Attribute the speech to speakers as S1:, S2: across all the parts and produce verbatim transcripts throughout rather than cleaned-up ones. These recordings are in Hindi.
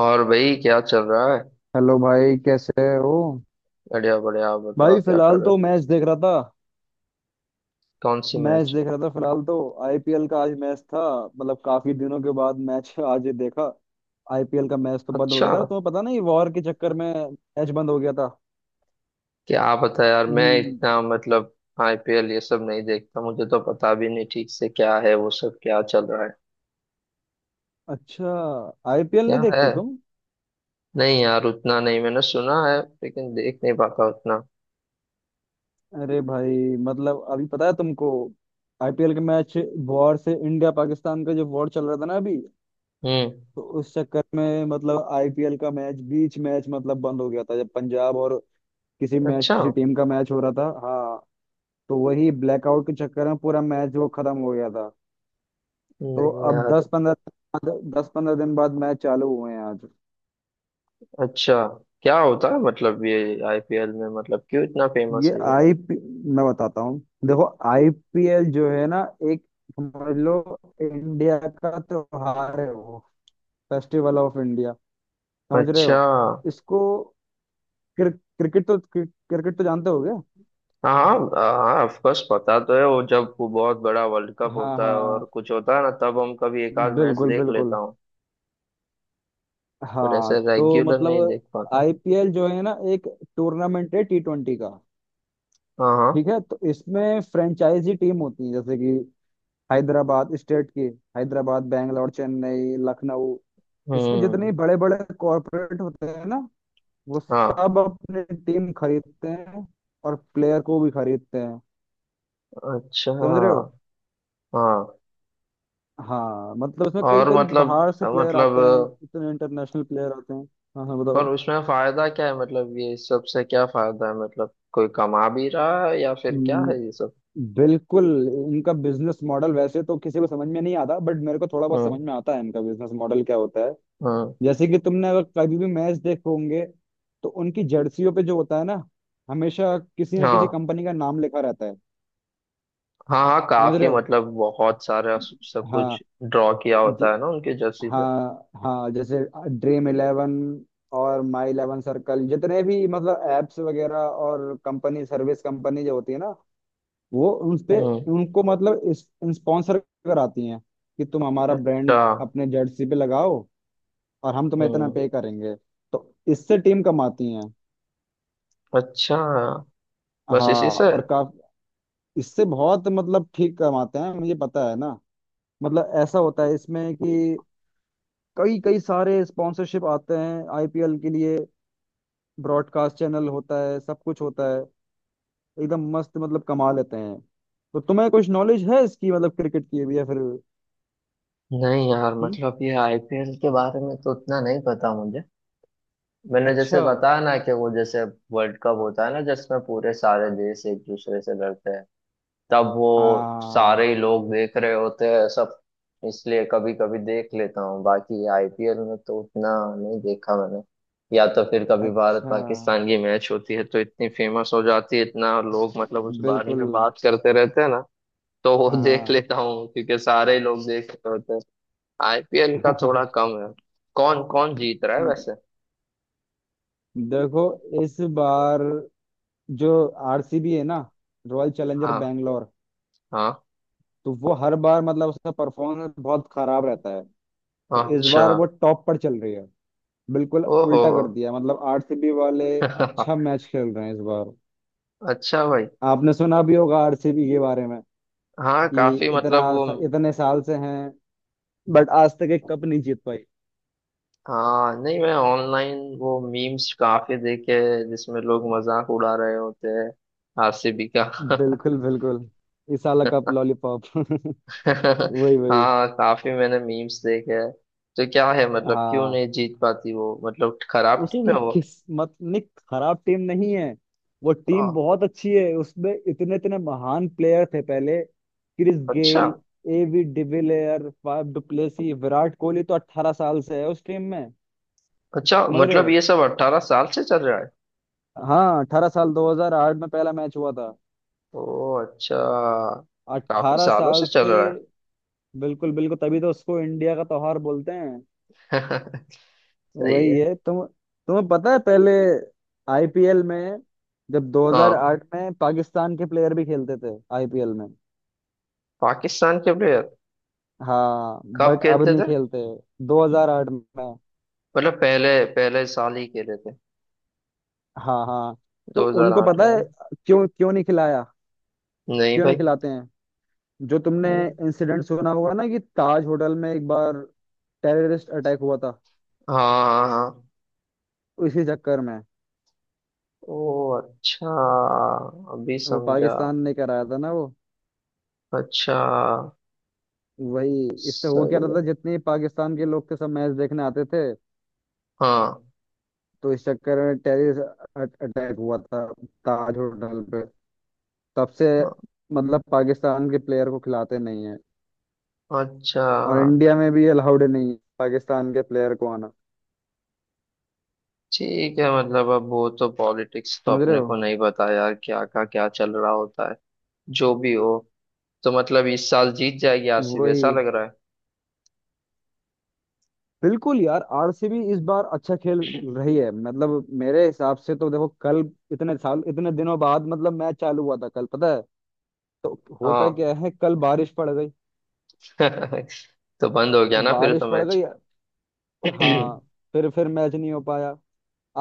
S1: और भाई, क्या चल रहा है?
S2: हेलो भाई, कैसे हो।
S1: बढ़िया बढ़िया। आप बताओ,
S2: भाई
S1: क्या कर
S2: फिलहाल
S1: रहे
S2: तो
S1: हो?
S2: मैच देख रहा था।
S1: कौन सी
S2: मैच
S1: मैच?
S2: देख रहा था फिलहाल तो। आईपीएल का आज मैच था। मतलब काफी दिनों के बाद मैच आज देखा। आईपीएल का मैच तो बंद हो
S1: अच्छा।
S2: गया था, तुम्हें पता नहीं, वॉर के चक्कर में। मैच बंद हो गया था।
S1: क्या पता यार, मैं
S2: हम्म।
S1: इतना मतलब। आईपीएल ये सब नहीं देखता। मुझे तो पता भी नहीं ठीक से क्या है वो सब, क्या चल रहा है।
S2: अच्छा। आई पी एल नहीं
S1: क्या है?
S2: देखते तुम।
S1: नहीं यार, उतना नहीं। मैंने सुना है लेकिन देख नहीं पाता उतना।
S2: अरे भाई मतलब अभी पता है तुमको। आईपीएल के मैच। वॉर से, इंडिया पाकिस्तान का जो वॉर चल रहा था ना अभी।
S1: हम्म।
S2: तो उस चक्कर में मतलब आई पी एल का मैच बीच मैच मतलब बंद हो गया था जब पंजाब और किसी मैच
S1: अच्छा।
S2: किसी टीम का मैच हो रहा था। हाँ। तो वही ब्लैकआउट के चक्कर में पूरा मैच वो खत्म हो गया था। तो
S1: नहीं
S2: अब
S1: यार।
S2: दस पंद्रह दस पंद्रह दिन बाद मैच चालू हुए हैं आज।
S1: अच्छा। क्या होता है मतलब ये आईपीएल में? मतलब क्यों इतना फेमस
S2: ये
S1: है ये?
S2: आई पी, मैं बताता हूँ। देखो। आई पी एल जो है ना, एक, समझ लो, इंडिया का त्योहार है वो। Festival of India. समझ रहे
S1: अच्छा।
S2: हो इसको। क्रिक, क्रिकेट तो, क्रिक, क्रिकेट तो जानते हो क्या।
S1: हाँ हाँ, ऑफ कोर्स पता तो है। वो जब वो बहुत बड़ा वर्ल्ड कप
S2: हाँ हाँ
S1: होता है और
S2: हाँ।
S1: कुछ होता है ना, तब हम कभी एक आध मैच
S2: बिल्कुल
S1: देख लेता
S2: बिल्कुल।
S1: हूँ। पर
S2: हाँ
S1: ऐसे
S2: तो
S1: रेगुलर नहीं
S2: मतलब
S1: देख पाता।
S2: आई पी एल जो है ना, एक टूर्नामेंट है टी ट्वेंटी का।
S1: हाँ हाँ।
S2: ठीक है। तो इसमें फ्रेंचाइजी टीम होती है, जैसे कि हैदराबाद स्टेट की। हैदराबाद, बैंगलोर, चेन्नई, लखनऊ। इसमें जितने
S1: हम्म।
S2: बड़े बड़े कॉरपोरेट होते हैं ना, वो
S1: हाँ।
S2: सब अपनी टीम खरीदते हैं। और प्लेयर को भी खरीदते हैं।
S1: अच्छा।
S2: समझ रहे हो।
S1: हाँ।
S2: हाँ मतलब इसमें कई
S1: और
S2: कई
S1: मतलब।
S2: बाहर से प्लेयर आते हैं,
S1: मतलब।
S2: इतने इंटरनेशनल प्लेयर आते हैं। हाँ हाँ
S1: पर
S2: बताओ।
S1: उसमें फायदा क्या है? मतलब ये सबसे क्या फायदा है? मतलब कोई कमा भी रहा है या फिर क्या
S2: हम्म,
S1: है ये सब?
S2: बिल्कुल। इनका बिजनेस मॉडल वैसे तो किसी को समझ में नहीं आता, बट मेरे को थोड़ा बहुत
S1: हम्म।
S2: समझ में आता है इनका बिजनेस मॉडल क्या होता है।
S1: हम्म।
S2: जैसे कि तुमने अगर कभी भी मैच देखे होंगे तो उनकी जर्सियों पे जो होता है ना, हमेशा किसी ना किसी
S1: हाँ
S2: कंपनी का नाम लिखा रहता है।
S1: हाँ हाँ,
S2: समझ
S1: काफी
S2: रहे हो।
S1: मतलब बहुत सारा सब
S2: हाँ।
S1: कुछ ड्रॉ किया
S2: ज-
S1: होता है ना उनके जर्सी पे।
S2: हाँ हाँ, जैसे ड्रीम इलेवन और माई इलेवन सर्कल, जितने भी मतलब एप्स वगैरह और कंपनी, सर्विस कंपनी जो होती है ना, वो उनपे,
S1: हम्म।
S2: उनको मतलब स्पॉन्सर कराती हैं कि तुम हमारा ब्रांड
S1: अच्छा।
S2: अपने जर्सी पे लगाओ और हम तुम्हें इतना
S1: हम्म।
S2: पे करेंगे। तो इससे टीम कमाती हैं।
S1: अच्छा। बस इसी
S2: हाँ,
S1: से?
S2: और काफ इससे बहुत मतलब ठीक कमाते हैं, मुझे पता है ना। मतलब ऐसा होता है इसमें कि कई कई सारे स्पॉन्सरशिप आते हैं आई पी एल के लिए। ब्रॉडकास्ट चैनल होता है, सब कुछ होता है। एकदम मस्त मतलब कमा लेते हैं। तो तुम्हें कुछ नॉलेज है इसकी, मतलब क्रिकेट की भी, या फिर हम्म
S1: नहीं यार, मतलब ये आईपीएल के बारे में तो उतना नहीं पता मुझे। मैंने जैसे
S2: अच्छा।
S1: बताया ना कि वो जैसे वर्ल्ड कप होता है ना, जिसमें पूरे सारे देश एक दूसरे से लड़ते हैं। तब वो
S2: आ
S1: सारे ही लोग देख रहे होते हैं सब। इसलिए कभी कभी देख लेता हूँ, बाकी आईपीएल में तो उतना नहीं देखा मैंने। या तो फिर कभी भारत
S2: अच्छा,
S1: पाकिस्तान की मैच होती है तो इतनी फेमस हो जाती है, इतना लोग मतलब उस बारे
S2: बिल्कुल।
S1: में बात करते रहते हैं ना। तो वो देख
S2: हाँ
S1: लेता हूँ क्योंकि सारे लोग देख रहे होते हैं। आईपीएल का
S2: हाँ।
S1: थोड़ा कम है। कौन कौन जीत रहा है वैसे?
S2: देखो, इस बार जो आर सी बी है ना, रॉयल चैलेंजर
S1: हाँ।
S2: बैंगलोर,
S1: हाँ।
S2: तो वो हर बार मतलब उसका परफॉर्मेंस बहुत खराब रहता है। तो इस
S1: अच्छा।
S2: बार वो टॉप पर चल रही है। बिल्कुल
S1: ओहो
S2: उल्टा
S1: हो।
S2: कर दिया मतलब आर सी बी वाले। अच्छा मैच खेल रहे हैं इस बार।
S1: अच्छा भाई।
S2: आपने सुना भी होगा आरसीबी के बारे में
S1: हाँ,
S2: कि
S1: काफी
S2: इतना,
S1: मतलब वो।
S2: इतने साल से हैं बट आज तक एक कप नहीं जीत पाई।
S1: हाँ नहीं, मैं ऑनलाइन वो मीम्स काफी देखे हैं, जिसमें लोग मजाक उड़ा रहे होते हैं आरसीबी का
S2: बिल्कुल बिल्कुल। इस साल का कप लॉलीपॉप। वही वही।
S1: हाँ, काफी मैंने मीम्स देखे हैं। तो क्या है, मतलब क्यों
S2: हाँ,
S1: नहीं जीत पाती वो? मतलब खराब टीम
S2: उसकी
S1: है वो?
S2: किस्मत ने, खराब टीम नहीं है, वो
S1: हाँ।
S2: टीम बहुत अच्छी है। उसमें इतने इतने महान प्लेयर थे पहले, क्रिस
S1: अच्छा।
S2: Gayle, AB de Villiers, Faf du Plessis, Virat Kohli तो अठारह साल से है उस टीम में।
S1: अच्छा,
S2: समझ रहे
S1: मतलब
S2: हो।
S1: ये सब अट्ठारह साल से चल रहा है।
S2: हाँ, अठारह साल, दो हज़ार आठ में पहला मैच हुआ था।
S1: ओ अच्छा। काफी
S2: अट्ठारह
S1: सालों से
S2: साल
S1: चल
S2: से।
S1: रहा
S2: बिल्कुल बिल्कुल, तभी तो उसको इंडिया का त्योहार बोलते हैं।
S1: है। सही
S2: वही
S1: है।
S2: है। तुम, तुम्हें पता है पहले आई पी एल में जब
S1: हाँ।
S2: दो हज़ार आठ में पाकिस्तान के प्लेयर भी खेलते थे आई पी एल में।
S1: पाकिस्तान के प्लेयर?
S2: हाँ
S1: कब
S2: बट अब
S1: खेलते
S2: नहीं
S1: थे?
S2: खेलते। दो हज़ार आठ में।
S1: मतलब पहले। पहले साल ही खेले थे?
S2: हाँ हाँ। तो उनको
S1: दो हज़ार आठ
S2: पता है
S1: में।
S2: क्यों क्यों नहीं खिलाया।
S1: नहीं
S2: क्यों
S1: भाई।
S2: नहीं खिलाते हैं। जो तुमने
S1: नहीं।
S2: इंसिडेंट सुना होगा ना कि ताज होटल में एक बार टेररिस्ट अटैक हुआ था।
S1: हाँ हाँ हाँ।
S2: इसी चक्कर में।
S1: ओ अच्छा, अभी
S2: वो
S1: समझा।
S2: पाकिस्तान ने कराया था ना वो।
S1: अच्छा।
S2: वही। इससे हो क्या
S1: सही है।
S2: रहता, जितने पाकिस्तान के लोग थे सब मैच देखने आते थे।
S1: हाँ।
S2: तो इस चक्कर में टेररिस्ट अटैक हुआ था, ताज होटल पे। तब से
S1: हाँ।
S2: मतलब पाकिस्तान के प्लेयर को खिलाते नहीं है।
S1: अच्छा।
S2: और इंडिया में भी अलाउड नहीं है पाकिस्तान के प्लेयर को आना।
S1: ठीक है, मतलब अब वो तो पॉलिटिक्स तो
S2: समझ रहे
S1: अपने
S2: हो।
S1: को नहीं पता यार, क्या का क्या चल रहा होता है। जो भी हो। तो मतलब इस साल जीत जाएगी आरसीबी,
S2: वही।
S1: ऐसा लग रहा है।
S2: बिल्कुल यार, आर सी बी इस बार अच्छा खेल रही है। मतलब मेरे हिसाब से तो देखो, कल इतने साल इतने दिनों बाद मतलब मैच चालू हुआ था कल, पता है। तो होता
S1: हाँ।
S2: क्या है, कल बारिश पड़ गई।
S1: तो बंद हो गया ना फिर
S2: बारिश
S1: तो
S2: पड़
S1: मैच।
S2: गई। हाँ।
S1: हम्म।
S2: फिर फिर मैच नहीं हो पाया।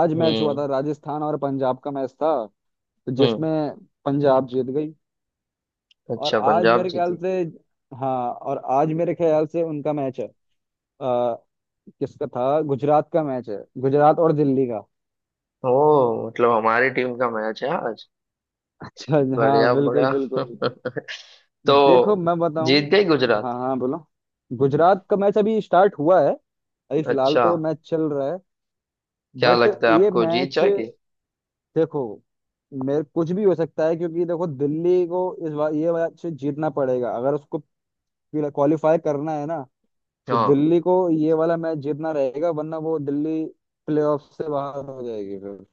S2: आज मैच हुआ था, राजस्थान और पंजाब का मैच था, तो
S1: हम्म।
S2: जिसमें पंजाब जीत गई। और
S1: अच्छा,
S2: आज
S1: पंजाब
S2: मेरे ख्याल
S1: जीती।
S2: से, हाँ और आज मेरे ख्याल से उनका मैच है। अ, किसका था, गुजरात का मैच है, गुजरात और दिल्ली का।
S1: ओ, मतलब हमारी टीम का मैच है आज।
S2: अच्छा हाँ
S1: बढ़िया
S2: बिल्कुल
S1: बढ़िया।
S2: बिल्कुल।
S1: तो
S2: देखो मैं बताऊं।
S1: जीत गई गुजरात?
S2: हाँ हाँ बोलो। गुजरात का मैच अभी स्टार्ट हुआ है। अभी फिलहाल
S1: अच्छा।
S2: तो मैच चल रहा है।
S1: क्या
S2: बट
S1: लगता है
S2: ये
S1: आपको, जीत
S2: मैच,
S1: जाएगी?
S2: देखो, मेरे कुछ भी हो सकता है क्योंकि देखो दिल्ली को इस बार ये मैच जीतना पड़ेगा अगर उसको क्वालिफाई करना है ना। तो
S1: हाँ।
S2: दिल्ली को ये वाला मैच जीतना रहेगा वरना वो दिल्ली प्लेऑफ से बाहर हो जाएगी फिर,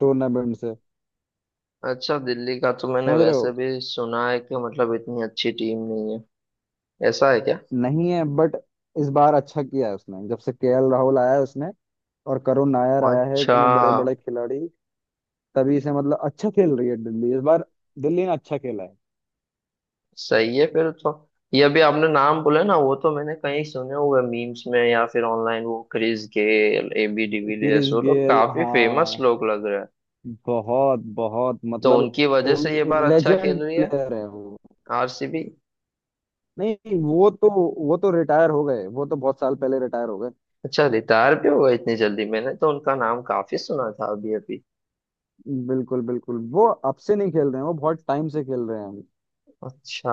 S2: टूर्नामेंट से।
S1: अच्छा, दिल्ली का तो मैंने
S2: समझ रहे
S1: वैसे
S2: हो।
S1: भी सुना है कि मतलब इतनी अच्छी टीम नहीं है। ऐसा है क्या?
S2: नहीं है, बट इस बार अच्छा किया है उसने, जब से के एल राहुल आया है उसने और करुण नायर आया है,
S1: अच्छा।
S2: इतने बड़े बड़े खिलाड़ी। तभी से मतलब अच्छा खेल रही है दिल्ली इस बार। दिल्ली ने अच्छा खेला है।
S1: सही है फिर तो। ये अभी आपने नाम बोले ना, वो तो मैंने कहीं सुने हुए मीम्स में या फिर ऑनलाइन। वो Chris Gayle, AB de Villiers,
S2: Chris
S1: वो लोग
S2: गेल,
S1: काफी फेमस
S2: हाँ।
S1: लोग लग रहे हैं।
S2: बहुत बहुत
S1: तो
S2: मतलब
S1: उनकी वजह से ये बार अच्छा
S2: लेजेंड
S1: खेल रही है
S2: प्लेयर है वो।
S1: आरसीबी?
S2: नहीं, वो तो, वो तो रिटायर हो गए, वो तो बहुत साल पहले रिटायर हो गए।
S1: अच्छा, रिटायर भी हुआ इतनी जल्दी? मैंने तो उनका नाम काफी सुना था अभी अभी।
S2: बिल्कुल बिल्कुल, वो अब से नहीं खेल रहे हैं, वो बहुत टाइम से खेल रहे हैं।
S1: अच्छा।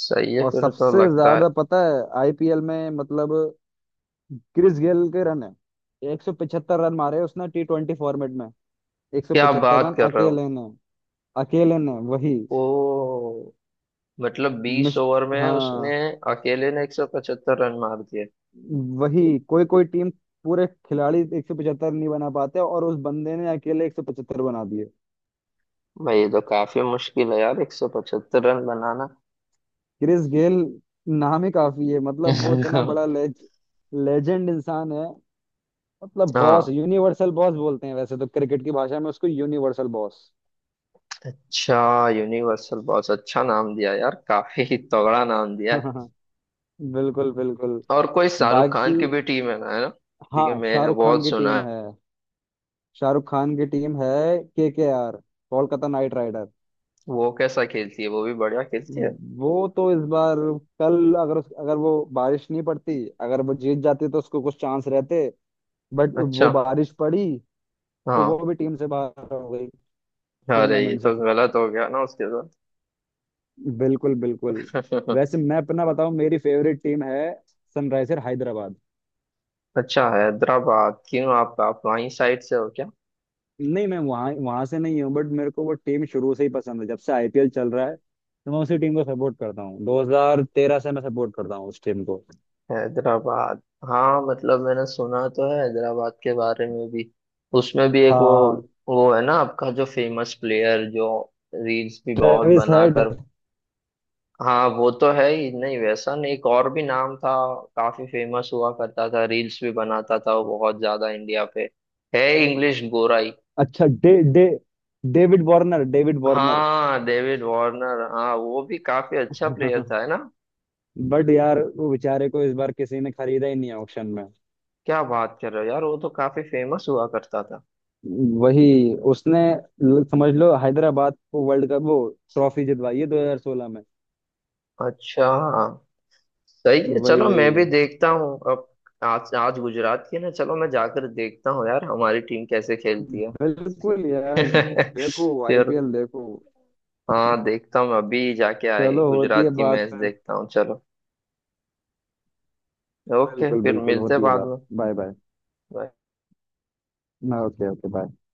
S1: सही है
S2: और
S1: फिर तो
S2: सबसे
S1: लगता है।
S2: ज्यादा पता है आईपीएल में मतलब क्रिस गेल के रन है। एक सौ पचहत्तर रन मारे उसने टी ट्वेंटी फॉर्मेट में।
S1: क्या
S2: एक सौ पचहत्तर
S1: बात
S2: रन
S1: कर रहे हो!
S2: अकेले ने। अकेले ने, वही।
S1: ओ। मतलब बीस
S2: मिस।
S1: ओवर में
S2: हाँ।
S1: उसने अकेले ने एक सौ पचहत्तर रन मार दिए?
S2: वही कोई कोई टीम पूरे खिलाड़ी एक सौ पचहत्तर नहीं बना पाते, और उस बंदे ने अकेले एक सौ पचहत्तर बना दिए।
S1: भाई ये तो काफी मुश्किल है यार, एक सौ पचहत्तर रन बनाना।
S2: क्रिस गेल, नाम ही काफी है। मतलब वो इतना बड़ा लेज, लेजेंड इंसान है। मतलब बॉस,
S1: हाँ।
S2: यूनिवर्सल बॉस बोलते हैं वैसे तो क्रिकेट की भाषा में उसको, यूनिवर्सल बॉस।
S1: अच्छा। यूनिवर्सल बॉस, अच्छा नाम दिया यार, काफी ही तगड़ा नाम दिया है।
S2: बिल्कुल बिल्कुल।
S1: और कोई शाहरुख खान
S2: बाकी,
S1: की भी टीम है ना? है ना?
S2: हाँ,
S1: क्योंकि मैं
S2: शाहरुख खान
S1: बहुत
S2: की
S1: सुना।
S2: टीम है। शाहरुख खान की टीम है। K K R, Kolkata knight rider.
S1: वो कैसा खेलती है? वो भी बढ़िया खेलती है?
S2: वो तो इस बार, कल अगर उस, अगर वो बारिश नहीं पड़ती, अगर वो जीत जाती तो उसको कुछ चांस रहते। बट
S1: अच्छा।
S2: वो बारिश पड़ी। तो
S1: हाँ।
S2: वो भी टीम से बाहर हो गई,
S1: अरे, ये
S2: टूर्नामेंट से।
S1: तो गलत हो गया ना उसके
S2: बिल्कुल बिल्कुल।
S1: साथ।
S2: वैसे मैं अपना बताऊं, मेरी फेवरेट टीम है सनराइजर हैदराबाद।
S1: अच्छा, हैदराबाद क्यों? आप आप वहीं साइड से हो?
S2: नहीं, मैं वहां वहां से नहीं हूँ, बट मेरे को वो टीम शुरू से ही पसंद है, जब से आई पी एल चल रहा है तो मैं उसी टीम को सपोर्ट करता हूँ, दो हज़ार तेरह से मैं सपोर्ट करता हूँ उस टीम को।
S1: हैदराबाद। हाँ, मतलब मैंने सुना तो है हैदराबाद के बारे में भी। उसमें भी एक वो।
S2: हाँ।
S1: वो है ना आपका जो फेमस प्लेयर जो रील्स भी बहुत
S2: ट्रेविस हेड।
S1: बनाकर। हाँ, वो तो है ही नहीं वैसा, नहीं एक और भी नाम था। काफी फेमस हुआ करता था, रील्स भी बनाता था वो बहुत ज्यादा इंडिया पे। है इंग्लिश गोराई।
S2: अच्छा डे डे डेविड वार्नर, डेविड वार्नर।
S1: हाँ, डेविड वार्नर, हाँ वो भी काफी अच्छा प्लेयर था है ना।
S2: बट यार वो बेचारे को इस बार किसी ने खरीदा ही नहीं है ऑक्शन में।
S1: क्या बात कर रहे हो यार, वो तो काफी फेमस हुआ करता था।
S2: वही उसने ल- समझ लो, हैदराबाद को वर्ल्ड कप वो ट्रॉफी जितवाई है दो हज़ार सोलह में।
S1: अच्छा। हाँ। सही है,
S2: वही
S1: चलो
S2: वही।
S1: मैं भी देखता हूँ अब। आज आज गुजरात की है ना, चलो मैं जाकर देखता हूँ यार हमारी टीम कैसे खेलती है।
S2: बिल्कुल यार। देखो,
S1: फिर।
S2: आईपीएल देखो।
S1: हाँ, देखता हूँ अभी जाके आए,
S2: चलो, होती है
S1: गुजरात की
S2: बात
S1: मैच
S2: फिर।
S1: देखता हूँ चलो। ओके,
S2: बिल्कुल
S1: फिर
S2: बिल्कुल,
S1: मिलते हैं
S2: होती है
S1: बाद
S2: बात।
S1: में।
S2: Bye bye. हाँ, ओके ओके, बाय।